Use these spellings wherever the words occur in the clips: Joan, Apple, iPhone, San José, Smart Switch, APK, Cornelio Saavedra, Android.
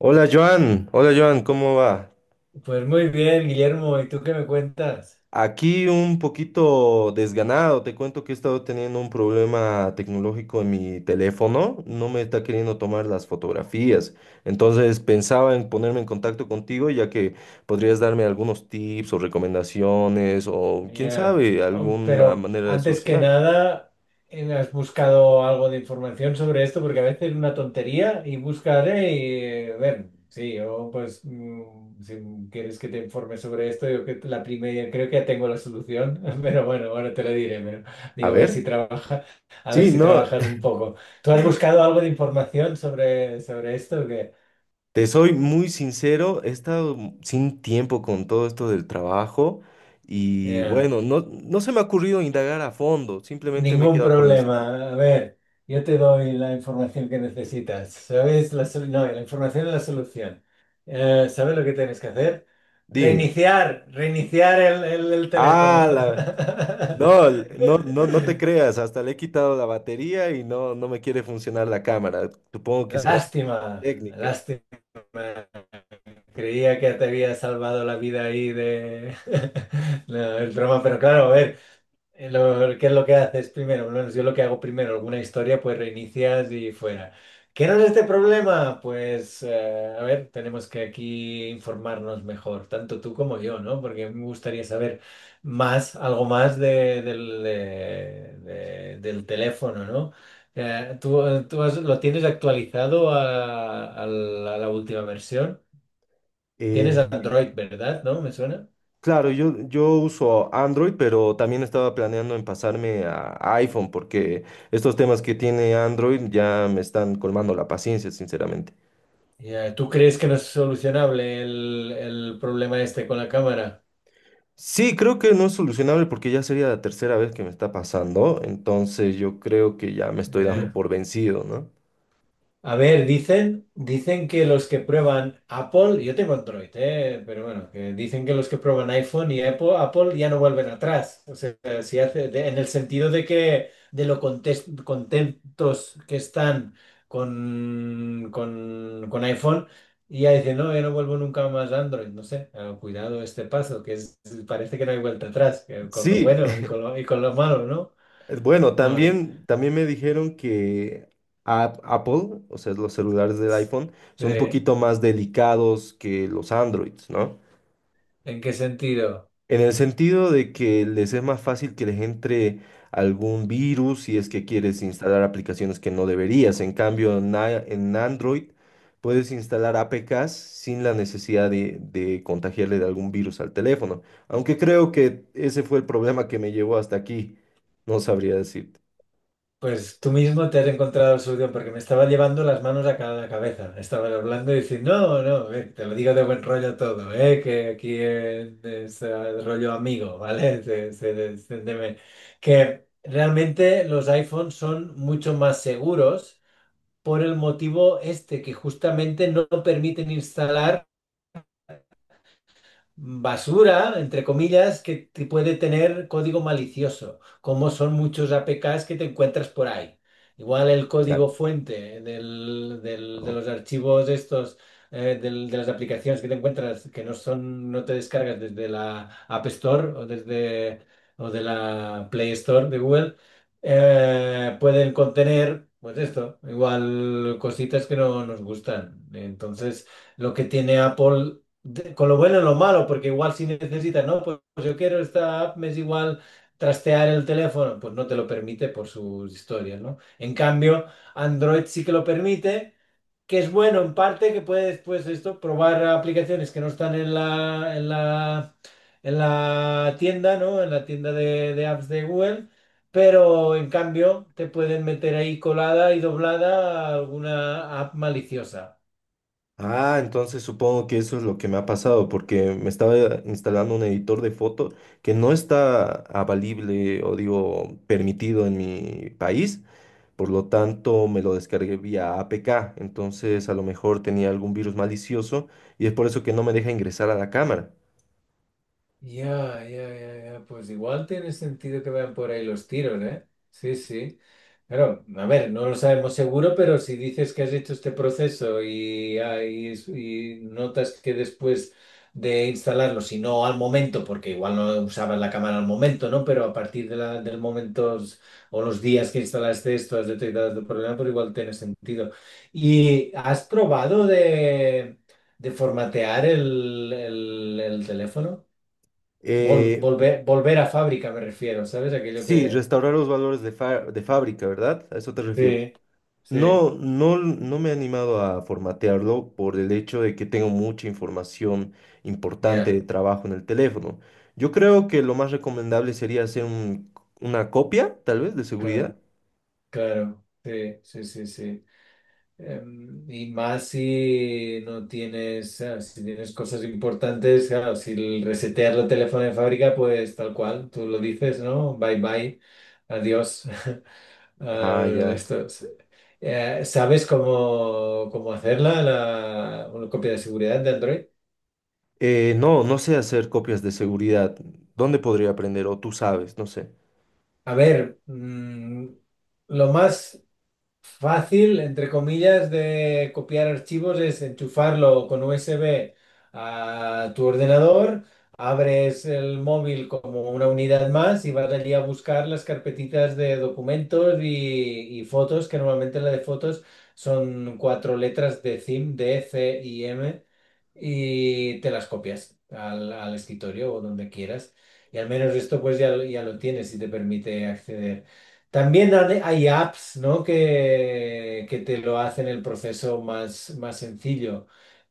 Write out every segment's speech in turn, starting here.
Hola Joan, ¿cómo va? Pues muy bien, Guillermo, ¿y tú qué me cuentas? Aquí un poquito desganado, te cuento que he estado teniendo un problema tecnológico en mi teléfono, no me está queriendo tomar las fotografías, entonces pensaba en ponerme en contacto contigo ya que podrías darme algunos tips o recomendaciones o quién sabe, alguna Pero manera de antes que solucionar. nada, ¿has buscado algo de información sobre esto? Porque a veces es una tontería y buscaré y ver, sí, o pues si quieres que te informe sobre esto, yo que la primera, creo que ya tengo la solución, pero bueno, ahora te lo diré, pero A digo, a ver si ver, trabaja, a ver sí, si no. trabajas un poco. ¿Tú has buscado algo de información sobre esto? ¿O qué? Te soy muy sincero, he estado sin tiempo con todo esto del trabajo y Ya. bueno, no, no se me ha ocurrido indagar a fondo, simplemente me he Ningún quedado por el super. problema. A ver, yo te doy la información que necesitas. ¿Sabes? No, la información es la solución. ¿Sabes lo que tienes que hacer? Dime. Reiniciar el teléfono. Ah, la- no, no, no te creas, hasta le he quitado la batería y no, no me quiere funcionar la cámara. Supongo que será una Lástima, técnica. lástima. Creía que te había salvado la vida ahí de... No, el broma, pero claro, a ver. ¿Qué es lo que haces primero? Por lo menos yo lo que hago primero, alguna historia, pues reinicias y fuera. ¿Qué era este problema? Pues, a ver, tenemos que aquí informarnos mejor, tanto tú como yo, ¿no? Porque me gustaría saber más, algo más del teléfono, ¿no? ¿ Lo tienes actualizado a la última versión? Eh, Tienes Android, ¿verdad? ¿No? ¿Me suena? claro, yo uso Android, pero también estaba planeando en pasarme a iPhone porque estos temas que tiene Android ya me están colmando la paciencia, sinceramente. Ya, ¿tú crees que no es solucionable el problema este con la cámara? Sí, creo que no es solucionable porque ya sería la tercera vez que me está pasando, entonces yo creo que ya me estoy dando Ya. por vencido, ¿no? A ver, dicen que los que prueban Apple, yo tengo Android, pero bueno, que dicen que los que prueban iPhone y Apple ya no vuelven atrás. O sea, si hace, en el sentido de que de lo contentos que están con, con iPhone, y ya dicen, no, yo no vuelvo nunca más a Android. No sé, cuidado este paso, que es- parece que no hay vuelta atrás, que con lo Sí, bueno y con lo malo, ¿no? bueno, No, también me dijeron que Apple, o sea, los celulares del iPhone, son un sí. poquito más delicados que los Androids, ¿no? ¿En qué sentido? En el sentido de que les es más fácil que les entre algún virus si es que quieres instalar aplicaciones que no deberías. En cambio, en Android puedes instalar APKs sin la necesidad de contagiarle de algún virus al teléfono. Aunque creo que ese fue el problema que me llevó hasta aquí. No sabría decirte. Pues tú mismo te has encontrado la solución, porque me estaba llevando las manos a cada cabeza. Estaba hablando y diciendo, no, no, te lo digo de buen rollo todo, que aquí es rollo amigo, ¿vale? Que realmente los iPhones son mucho más seguros por el motivo este, que justamente no permiten instalar basura, entre comillas, que te puede tener código malicioso, como son muchos APKs que te encuentras por ahí. Igual el código Exacto. fuente de los archivos estos, de las aplicaciones que te encuentras, que no son, no te descargas desde la App Store o desde o de la Play Store de Google, pueden contener, pues esto, igual cositas que no nos gustan. Entonces, lo que tiene Apple con lo bueno y lo malo, porque igual si necesitas, no, pues, pues yo quiero esta app, me es igual trastear el teléfono, pues no te lo permite por sus historias, ¿no? En cambio, Android sí que lo permite, que es bueno en parte, que puedes, pues esto, probar aplicaciones que no están en la tienda, ¿no? En la tienda de apps de Google. Pero en cambio te pueden meter ahí colada y doblada alguna app maliciosa. Ah, entonces supongo que eso es lo que me ha pasado, porque me estaba instalando un editor de foto que no está avalible o digo permitido en mi país, por lo tanto me lo descargué vía APK, entonces a lo mejor tenía algún virus malicioso y es por eso que no me deja ingresar a la cámara. Ya, ya, ya, ya. Pues igual tiene sentido que vayan por ahí los tiros, ¿eh? Sí, sí. Claro, a ver, no lo sabemos seguro, pero si dices que has hecho este proceso y, ah, y es- y notas que después de instalarlo, si no al momento, porque igual no usabas la cámara al momento, ¿no? Pero a partir de del momento s- o los días que instalaste esto, has detectado tu problema, pues igual tiene sentido. ¿Y has probado de formatear el teléfono? Vol- Eh, volver, volver a fábrica me refiero, ¿sabes? Aquello que... sí, restaurar los valores de, de fábrica, ¿verdad? ¿A eso te refieres? Sí, sí, No, no, no me he animado a formatearlo por el hecho de que tengo mucha información importante ya, de trabajo en el teléfono. Yo creo que lo más recomendable sería hacer una copia, tal vez, de seguridad. claro, claro, sí, sí, sí, sí. Y más si no tienes, ah, si tienes cosas importantes, claro, si el resetear el teléfono de fábrica, pues tal cual, tú lo dices, ¿no? Bye bye, adiós. Ah, al ya. esto. ¿Sabes cómo hacerla, la, una copia de seguridad de Android? No, no sé hacer copias de seguridad. ¿Dónde podría aprender? O tú sabes, no sé. A ver, lo más... Fácil, entre comillas, de copiar archivos es enchufarlo con USB a tu ordenador, abres el móvil como una unidad más y vas allí a buscar las carpetitas de documentos y fotos, que normalmente la de fotos son cuatro letras de CIM, D, C y M, y te las copias al, al escritorio o donde quieras. Y al menos esto pues ya, ya lo tienes y te permite acceder. También hay apps, ¿no? Que te lo hacen el proceso más, más sencillo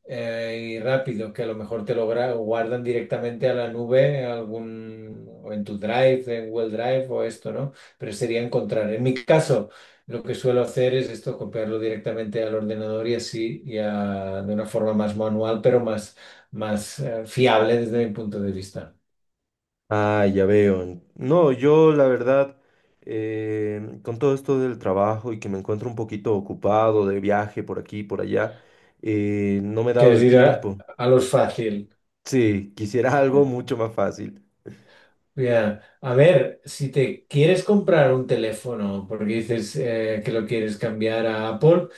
y rápido, que a lo mejor te lo guardan directamente a la nube, algún, o en tu Drive, en Google Drive o esto, ¿no? Pero sería encontrar. En mi caso, lo que suelo hacer es esto, copiarlo directamente al ordenador y así, ya de una forma más manual, pero más, más fiable desde mi punto de vista. Ah, ya veo. No, yo la verdad, con todo esto del trabajo y que me encuentro un poquito ocupado de viaje por aquí y por allá, no me he Que dado es el ir tiempo. a lo fácil. Sí, quisiera algo Mm. mucho más fácil. Ya. A ver, si te quieres comprar un teléfono porque dices que lo quieres cambiar a Apple,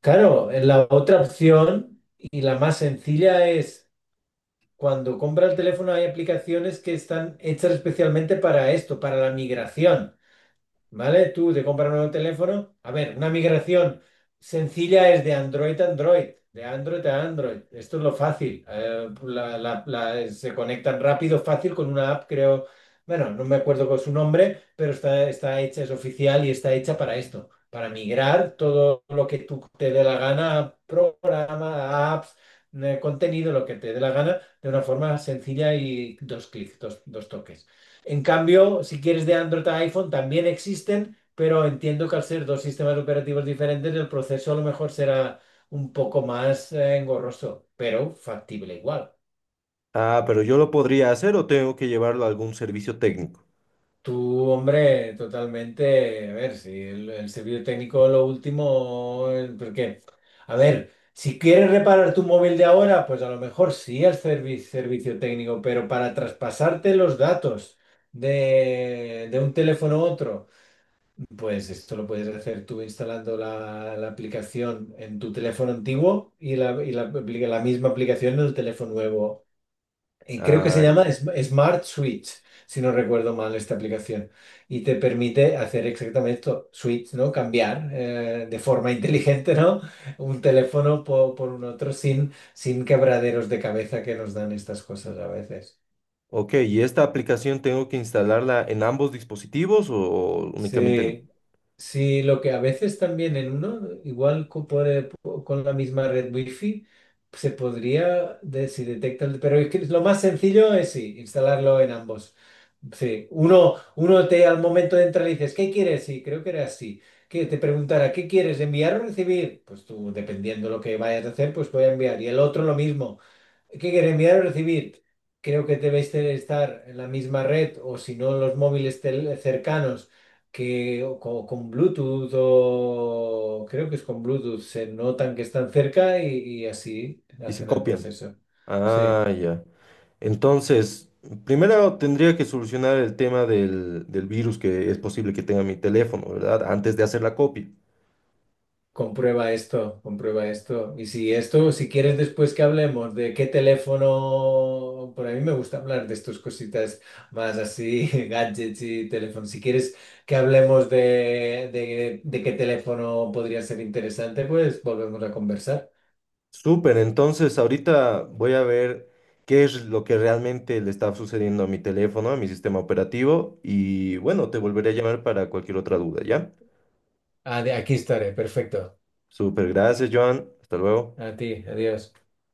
claro, la otra opción y la más sencilla es cuando compras el teléfono hay aplicaciones que están hechas especialmente para esto, para la migración. ¿Vale? Tú te compras un nuevo teléfono. A ver, una migración sencilla es de Android a Android, de Android a Android. Esto es lo fácil. Se conectan rápido, fácil con una app, creo. Bueno, no me acuerdo con su nombre, pero está, está hecha, es oficial y está hecha para esto, para migrar todo lo que tú te dé la gana, programa, apps, contenido, lo que te dé la gana, de una forma sencilla y dos clics, dos toques. En cambio, si quieres de Android a iPhone, también existen, pero entiendo que al ser dos sistemas operativos diferentes, el proceso a lo mejor será un poco más engorroso, pero factible igual. Ah, pero yo lo podría hacer o tengo que llevarlo a algún servicio técnico. Tú, hombre, totalmente, a ver, si el servicio técnico lo último, porque, a ver, si quieres reparar tu móvil de ahora, pues a lo mejor sí el servicio técnico, pero para traspasarte los datos de un teléfono a otro. Pues esto lo puedes hacer tú instalando la aplicación en tu teléfono antiguo y la la misma aplicación en el teléfono nuevo. Y creo que se Ah, llama Smart Switch, si no recuerdo mal esta aplicación. Y te permite hacer exactamente esto, switch, ¿no? Cambiar de forma inteligente, ¿no? Un teléfono por, un otro sin, sin quebraderos de cabeza que nos dan estas cosas a veces. ok, ¿y esta aplicación tengo que instalarla en ambos dispositivos o únicamente Sí. en... Sí, lo que a veces también en uno, igual con la misma red wifi, se podría, de- si detecta el- pero es que lo más sencillo es sí, instalarlo en ambos. Sí, uno te al momento de entrar le dices, ¿qué quieres? Sí, creo que era así. Que te preguntará, ¿qué quieres? ¿Enviar o recibir? Pues tú, dependiendo lo que vayas a hacer, pues voy a enviar. Y el otro lo mismo. ¿Qué quieres enviar o recibir? Creo que debéis de estar en la misma red o si no en los móviles cercanos que o con, Bluetooth o creo que es con Bluetooth, se notan que están cerca y así y se hacen el copian? proceso. Sí. Ah, ya. Entonces, primero tendría que solucionar el tema del virus que es posible que tenga mi teléfono, ¿verdad? Antes de hacer la copia. Comprueba esto, comprueba esto. Y si esto, si quieres después que hablemos de qué teléfono, por a mí me gusta hablar de estas cositas más así, gadgets y teléfonos. Si quieres que hablemos de qué teléfono podría ser interesante, pues volvemos a conversar. Súper, entonces ahorita voy a ver qué es lo que realmente le está sucediendo a mi teléfono, a mi sistema operativo y bueno, te volveré a llamar para cualquier otra duda, ¿ya? Ah, aquí estaré, perfecto. Súper, gracias, Joan. Hasta luego. A ti, adiós.